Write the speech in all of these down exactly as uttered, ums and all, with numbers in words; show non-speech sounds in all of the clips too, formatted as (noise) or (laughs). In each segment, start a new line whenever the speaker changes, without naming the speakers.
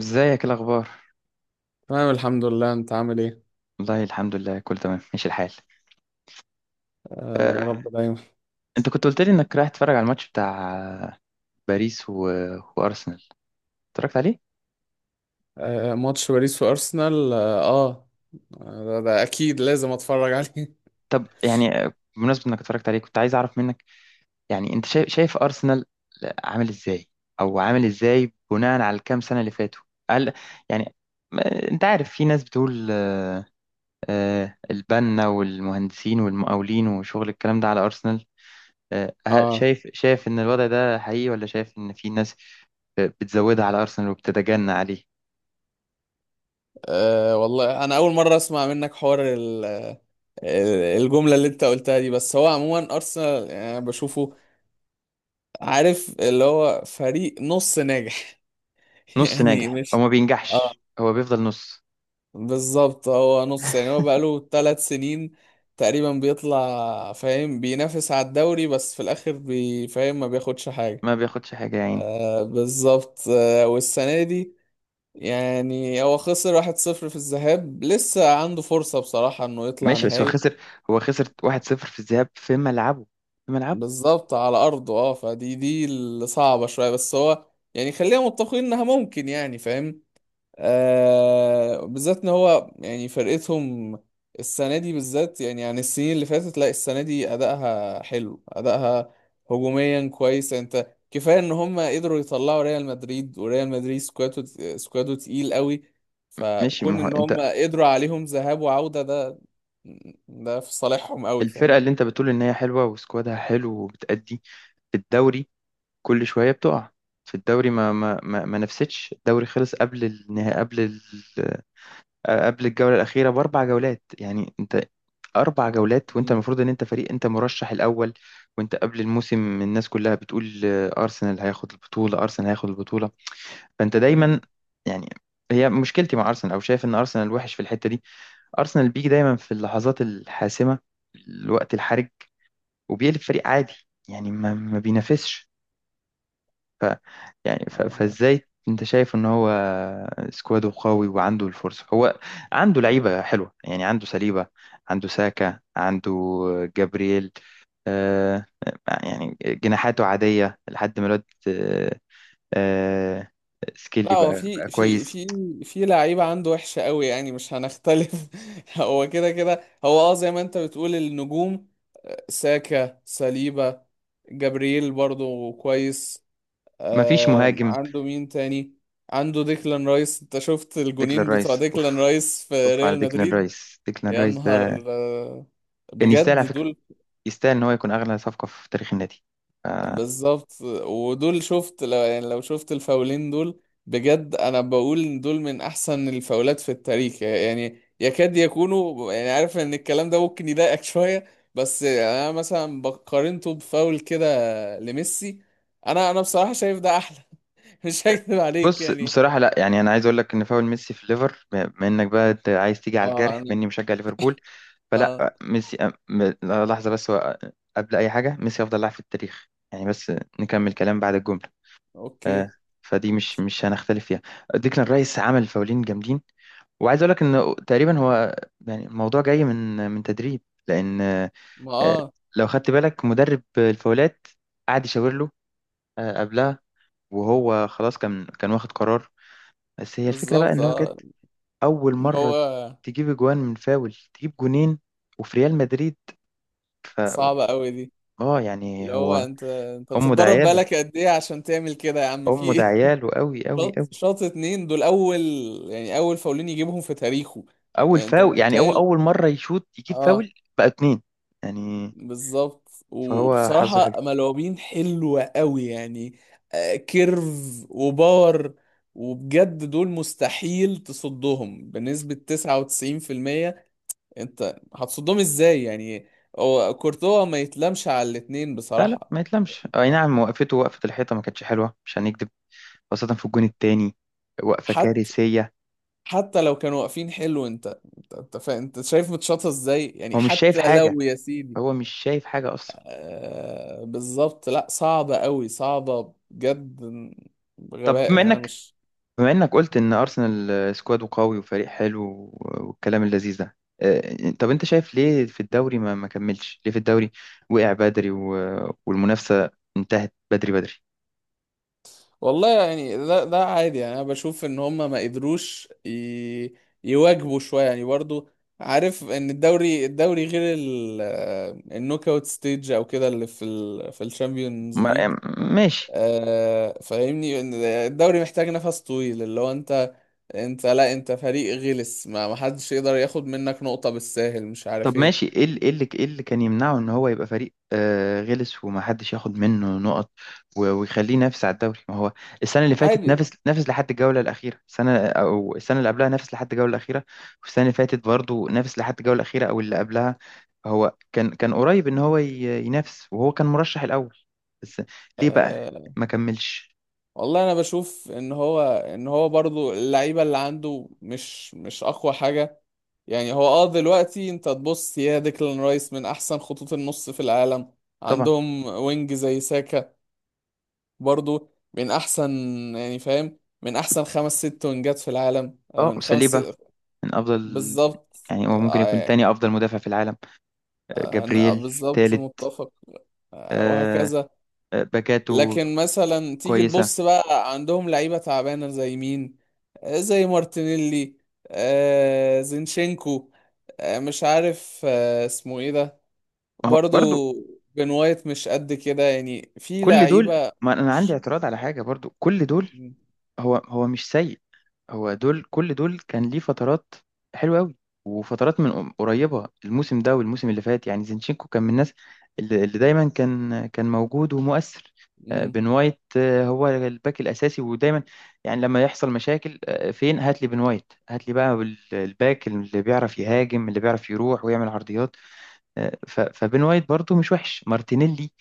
ازيك؟ إيه الاخبار؟
تمام الحمد لله انت عامل ايه.
والله الحمد لله، كله تمام ماشي الحال.
آه يا
أه،
رب دايما.
انت كنت قلت لي انك رايح تتفرج على الماتش بتاع آه، باريس و... وارسنال. اتفرجت عليه؟
آه ماتش باريس وارسنال اه, آه. ده, ده اكيد لازم اتفرج عليه (laughs)
طب يعني أه، بمناسبه انك اتفرجت عليه، كنت عايز اعرف منك، يعني انت شايف شايف ارسنال عامل ازاي، او عامل ازاي بناء على الكام سنه اللي فاتوا. هل يعني ما- انت عارف في ناس بتقول، أه، أه، البنا والمهندسين والمقاولين وشغل الكلام ده على ارسنال. أه، هل-
آه.
شايف شايف ان الوضع ده حقيقي، ولا شايف ان في ناس بتزودها على أرسنال وبتتجنى عليه؟
اه والله انا اول مره اسمع منك حوار ال- ال- الجمله اللي انت قلتها دي، بس هو عموما ارسنال يعني أنا بشوفه عارف اللي هو فريق نص ناجح (laughs)
نص
يعني
ناجح، هو
مش
ما
اه
بينجحش، هو بيفضل نص.
بالظبط هو نص، يعني هو
(laughs)
بقاله ثلاث سنين تقريبا بيطلع فاهم بينافس على الدوري بس في الاخر بيفهم ما بياخدش حاجة.
ما بياخدش حاجة يا عيني.
آه بالظبط، آه والسنة دي يعني هو خسر واحد صفر في الذهاب، لسه عنده فرصة بصراحة انه يطلع
ماشي بس هو
نهائي.
خسر هو خسر واحد صفر في الذهاب في ملعبه، في ملعبه.
بالظبط على ارضه، اه فدي دي اللي صعبة شوية، بس هو يعني خلينا متفقين انها ممكن، يعني فاهم، آه بالذات ان هو يعني فرقتهم السنه دي بالذات، يعني عن السنين اللي فاتت، لا السنه دي ادائها حلو، ادائها هجوميا كويس، يعني انت كفايه ان هم قدروا يطلعوا ريال مدريد، وريال مدريد سكواده سكواده تقيل قوي،
ماشي،
فكون
ما هو
ان
انت
هم قدروا عليهم ذهاب وعوده، ده ده في صالحهم قوي
الفرقة
فاهم.
اللي انت بتقول ان هي حلوة وسكوادها حلو وبتأدي في الدوري كل شوية بتقع. في الدوري ما ما ما, ما نفستش، الدوري خلص قبل النهائي، قبل آه، قبل الجولة الأخيرة بأربع جولات. يعني أنت أربع جولات وأنت
مم.
المفروض إن أنت فريق، أنت مرشح الأول، وأنت قبل الموسم الناس كلها بتقول، آه، أرسنال هياخد البطولة، أرسنال هياخد البطولة، فأنت دايما
مم.
يعني. هي مشكلتي مع أرسنال، أو شايف إن أرسنال وحش في الحتة دي. أرسنال بيجي دايما في اللحظات الحاسمة، الوقت الحرج، وبيقلب فريق عادي. يعني ما, ما بينافسش. يعني ف- فازاي انت شايف ان هو سكواده قوي وعنده الفرصة، هو عنده لعيبة حلوة، يعني عنده سليبة، عنده ساكا، عنده جابرييل. آه آه، يعني جناحاته عادية لحد ما الواد آه آه
لا
سكيلي
هو
بقى,
في
بقى
في
كويس.
في في لعيبة عنده وحشة قوي، يعني مش هنختلف (laughs) هو كده كده هو اه زي ما انت بتقول النجوم، ساكا، ساليبا، جابرييل برضو كويس.
مفيش
آم،
مهاجم.
عنده مين تاني؟ عنده ديكلان رايس، انت شفت
ديكلان
الجونين بتوع
رايس،
ديكلان
اوف،
رايس في
اوف على
ريال
ديكلان
مدريد؟
رايس. ديكلان
يا
رايس ده
نهار آه،
كان يستاهل على
بجد
فكرة،
دول
يستاهل ان هو يكون اغلى صفقة في تاريخ النادي. آه،
بالظبط، ودول شفت لو يعني لو شفت الفاولين دول بجد، انا بقول إن دول من احسن الفاولات في التاريخ، يعني يكاد يكونوا يعني عارف ان الكلام ده ممكن يضايقك (laughs) شوية، بس انا مثلا بقارنته بفاول كده لميسي، انا انا بصراحة شايف ده احلى (laughs) مش هكذب عليك
بص،
يعني.
بصراحة لا، يعني أنا عايز أقول لك إن فاول ميسي في الليفر، بما إنك بقى أنت عايز تيجي على
اه
الجرح
انا
بما إني مشجع ليفربول،
اه
فلا ميسي أم- م- لحظة بس، هو قبل أي حاجة ميسي أفضل لاعب في التاريخ يعني، بس نكمل كلام بعد الجملة.
اوكي.
فدي مش مش هنختلف فيها. ديكلان رايس عمل فاولين جامدين، وعايز أقول لك إن تقريبا هو، يعني الموضوع جاي من من تدريب. لأن آه،
ما اه
لو خدت بالك، مدرب الفاولات قعد يشاور له آه، قبلها، وهو خلاص كان كان واخد قرار. بس هي الفكرة بقى،
بالظبط
إن هو جت
اه
اول
ان هو
مره تجيب جوان من فاول تجيب جونين، وفي ريال مدريد ف
صعبة قوي دي،
اه
اللي
يعني
هو
هو،
انت انت
امه ده
بتتدرب
عياله،
بقالك قد ايه عشان تعمل كده يا عم؟ في
امه ده
ايه؟
عياله قوي قوي
شاط
قوي.
شاط اتنين، دول اول يعني اول فاولين يجيبهم في تاريخه،
اول
يعني انت
فاول، يعني هو
متخيل؟
اول مره يشوط يجيب
اه
فاول بقى اتنين، يعني
بالظبط، و-
فهو حظه حلو.
وبصراحة ملعوبين حلوة قوي يعني، آه، كيرف وباور، وبجد دول مستحيل تصدهم بنسبة تسعة وتسعين في المية. انت هتصدهم ازاي يعني؟ هو كورتوا ما يتلامش على الاتنين
لا لا،
بصراحة.
ما يتلمش. اي نعم، وقفته، وقفه الحيطه ما كانتش حلوه، مش هنكدب، خاصه في الجون التاني، وقفه
حتى
كارثيه.
حتى لو كانوا واقفين حلو، انت انت انت, فا... انت شايف متشاطة ازاي يعني،
هو مش شايف
حتى
حاجه،
لو ياسين.
هو مش شايف حاجه اصلا.
آه، بالظبط، لا صعبة قوي، صعبة بجد،
طب
بغباء
بما
يعني انا
انك
مش.
بما انك قلت ان ارسنال سكواده قوي وفريق حلو والكلام اللذيذ ده، آه، طب انت شايف ليه في الدوري ما ما كملش؟ ليه في الدوري وقع بدري، و- والمنافسة انتهت بدري بدري؟
والله يعني ده ده عادي، يعني انا بشوف ان هم ما قدروش ي... يواجبوا شوية، يعني برضو عارف ان الدوري الدوري غير ال... آه، النوك اوت ستيج او كده اللي في ال... في الشامبيونز
ما-
ليج.
يعني ماشي.
آه، فاهمني إن الدوري محتاج نفس طويل، اللي هو انت، انت لا انت فريق غلس، ما ما حدش يقدر ياخد منك نقطة بالساهل، مش عارف
طب ماشي،
ايه.
ايه اللي ايه اللي ايه اللي كان يمنعه ان هو يبقى فريق آه غلس ومحدش ياخد منه نقط، و- ويخليه ينافس على الدوري؟ ما هو السنه اللي فاتت
عادي.
نافس نافس لحد الجوله الاخيره، السنه او السنه اللي قبلها نافس لحد الجوله الاخيره، والسنه اللي فاتت برضه نافس لحد الجوله الاخيره، او اللي قبلها. هو كان كان قريب ان هو ي- ينافس، وهو كان مرشح الاول. بس ليه بقى
أه
ما كملش؟
والله انا بشوف ان هو ان هو برضو اللعيبه اللي عنده مش مش اقوى حاجه، يعني هو اه دلوقتي انت تبص، يا ديكلان رايس من احسن خطوط النص في العالم،
طبعا.
عندهم وينج زي ساكا، برضو من احسن، يعني فاهم من احسن خمس ست وينجات في العالم، آه،
اه
من خمس
ساليبا
ست-
من افضل،
بالظبط.
يعني هو ممكن يكون
آه،
تاني افضل مدافع في العالم. آه،
آه، أنا
جابرييل
بالظبط
تالت.
متفق. آه،
آه،
وهكذا.
آه، باكاته
لكن مثلا تيجي
كويسة.
تبص بقى عندهم لعيبة تعبانة زي مين؟ آه، زي مارتينيلي، آه زينشينكو، آه مش عارف آه اسمه ايه ده
اهو
برضو،
برضو.
بن وايت مش قد كده، يعني في
كل دول،
لعيبة
ما انا عندي
مش
اعتراض على حاجة، برضو كل دول.
م-
هو هو مش سيء. هو دول، كل دول كان ليه فترات حلوة قوي، وفترات من قريبة. الموسم ده والموسم اللي فات يعني زينشينكو كان من الناس اللي, اللي دايما كان كان موجود ومؤثر. آه،
م-
بن وايت، آه، هو الباك الأساسي ودايما يعني لما يحصل مشاكل آه، فين، هات لي بن وايت، هات لي بقى ال- الباك اللي بيعرف يهاجم، اللي بيعرف يروح ويعمل عرضيات. آه، ف- فبين وايت برضو مش وحش. مارتينيلي،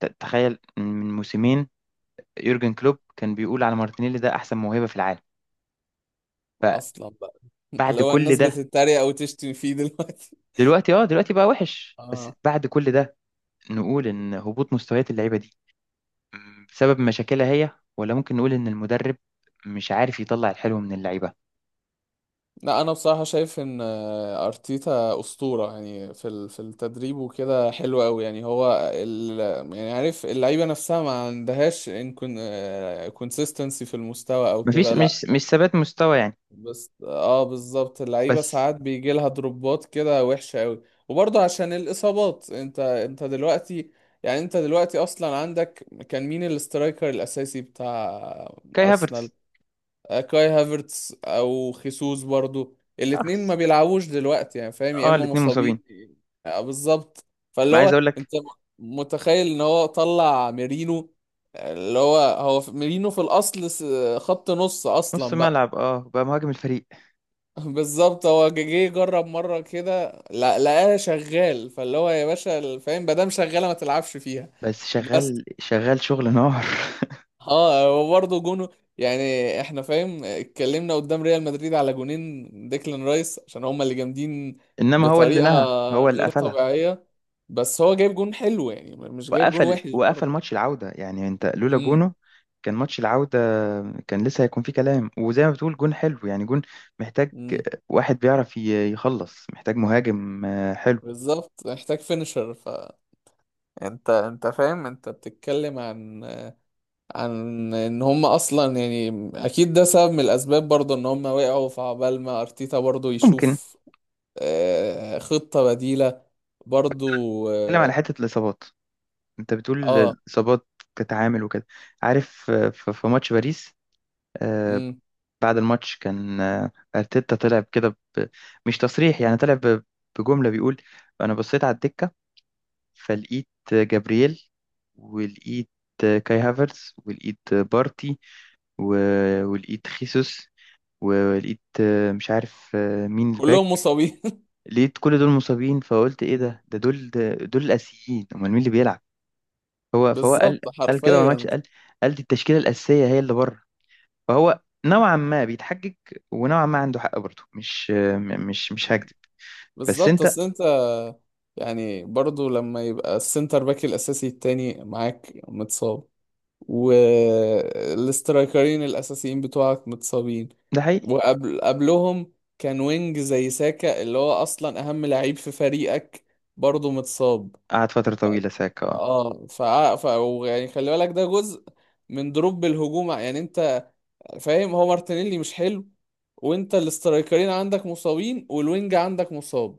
ت- تخيل من موسمين يورجن كلوب كان بيقول على مارتينيلي ده احسن موهبة في العالم.
اصلا بقى (laughs)
فبعد
لو
كل
الناس
ده،
بتتريق او تشتم فيه دلوقتي
دلوقتي اه دلوقتي بقى وحش. بس
اه.
بعد كل ده نقول ان هبوط مستويات اللعيبة دي، م، بسبب مشاكلها هي، ولا ممكن نقول ان المدرب مش عارف يطلع الحلو من اللعيبة؟
لا انا بصراحه شايف ان آه، ارتيتا اسطوره يعني في ال- في التدريب وكده حلو قوي، يعني هو ال، يعني عارف اللعيبه نفسها ما عندهاش ان كونسيستنسي في المستوى او
مفيش،
كده، لا.
مش مش ثبات مستوى يعني.
بس اه بالظبط اللعيبه
بس
ساعات بيجي لها دروبات كده وحشه قوي، وبرضه عشان الاصابات، انت انت دلوقتي، يعني انت دلوقتي اصلا عندك كان مين الاسترايكر الاساسي بتاع
كاي
ارسنال؟
هافرتز،
آه، كاي هافرتس او خيسوس برضو، الاتنين ما
اخس.
بيلعبوش دلوقتي، يعني فاهم يا
اه
اما
الاتنين
مصابين.
مصابين.
آه، بالظبط، فاللي
ما عايز اقول
هو
لك،
انت م- متخيل ان هو طلع ميرينو، آه، اللي هو هو في- ميرينو في الاصل س- خط نص
نص
اصلا بقى
ملعب اه بقى مهاجم الفريق.
(laughs) بالظبط، هو جه جه جرب مره كده، لا لقاها شغال، فاللي هو يا باشا فاهم ما دام شغاله ما تلعبش فيها.
بس
بس
شغال، شغال، شغل نار.
اه وبرضه جونه، يعني احنا فاهم اتكلمنا قدام ريال مدريد على جونين ديكلان رايس عشان هما اللي جامدين
(laughs) انما هو اللي
بطريقة
نهى، هو اللي
غير
قفلها.
طبيعية، بس هو جايب جون حلو يعني، مش جايب جون
وقفل
وحش
وقفل
برضه.
ماتش العودة. يعني انت لولا
امم.
جونه كان ماتش العودة كان لسه هيكون فيه كلام. وزي ما بتقول جون حلو يعني، جون محتاج
امم.
واحد بيعرف ي- يخلص، محتاج مهاجم آه، حلو.
بالظبط محتاج فينشر، ف انت انت فاهم، انت بتتكلم عن عن ان هم اصلا، يعني اكيد ده سبب من الاسباب برضه، ان هم وقعوا في عبال ما ارتيتا برضه
ممكن
يشوف آه، خطة بديلة برضو.
نتكلم على حتة الإصابات، انت بتقول
اه.
الإصابات كتعامل وكده. عارف، آه، في في ماتش باريس، آه،
مم.
بعد الماتش كان، آه، ارتيتا طلع كده ب... مش تصريح يعني، طلع ب... بجمله بيقول، انا بصيت على الدكه فلقيت جابرييل، ولقيت كاي هافرز، ولقيت بارتي، و- ولقيت خيسوس، ولقيت آه، مش عارف آه، مين
كلهم
الباك.
مصابين (laughs)
لقيت كل دول مصابين، فقلت ايه
مم.
ده ده دول، ده دول الاساسيين، امال مين اللي بيلعب؟ هو فهو
بالظبط
قال قال كده، وانا
حرفيا.
قال قال دي التشكيله الاساسيه هي اللي بره. فهو نوعا ما بيتحجج، ونوعا ما عنده حق برضه، مش م- مش مش هكدب. بس
بالظبط
انت،
اصل انت، يعني برضو لما يبقى السنتر باك الاساسي التاني معاك متصاب، والاسترايكرين الاساسيين بتوعك متصابين،
ده حقيقي.
وقبل قبلهم كان وينج زي ساكا اللي هو اصلا اهم لعيب في فريقك برضو متصاب،
قعد فترة
ف-
طويلة ساكا اه
اه ف... ف... يعني خلي بالك ده جزء من دروب الهجوم، يعني انت فاهم هو مارتينيلي مش حلو، وانت الاسترايكرين عندك مصابين والوينج عندك مصاب،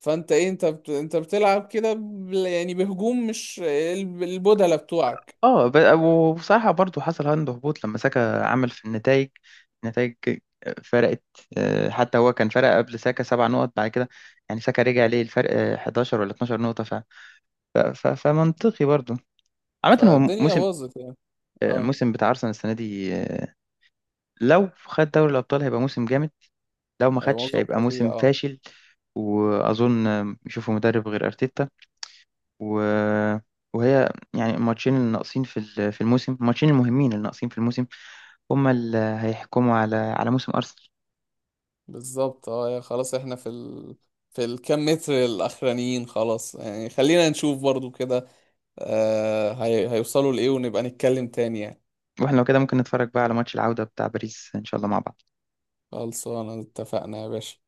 فانت ايه، انت بت... انت بتلعب كده ب... يعني بهجوم مش الب- البودلة بتوعك،
اه ب- وبصراحة برضه حصل عنده هبوط لما ساكا عمل في النتائج. النتائج فرقت. آه، حتى هو كان فرق قبل ساكا سبع نقط، بعد كده يعني ساكا رجع ليه الفرق آه، احداشر ولا اتناشر نقطة. ف... ف... ف... فمنطقي برضه. عامة هو
فالدنيا
موسم
باظت يعني
آه،
اه.
موسم بتاع أرسنال السنة دي. آه، لو خد دوري الأبطال هيبقى موسم جامد، لو ما
أيوة،
خدش
معظم
هيبقى
فظيع
موسم
اه.
فاشل. واظن يشوفوا مدرب غير ارتيتا. و... وهي يعني الماتشين اللي ناقصين في ال- في الموسم، الماتشين المهمين اللي ناقصين في الموسم هما اللي هيحكموا على على موسم ارسنال.
بالظبط اه يا خلاص احنا في ال... في الكام متر الاخرانيين خلاص، يعني خلينا نشوف برضو كده آه هي... هيوصلوا لايه ونبقى نتكلم تاني يعني.
واحنا لو كده ممكن نتفرج بقى على ماتش العودة بتاع باريس ان شاء الله مع بعض.
خلصانه اتفقنا يا باشا.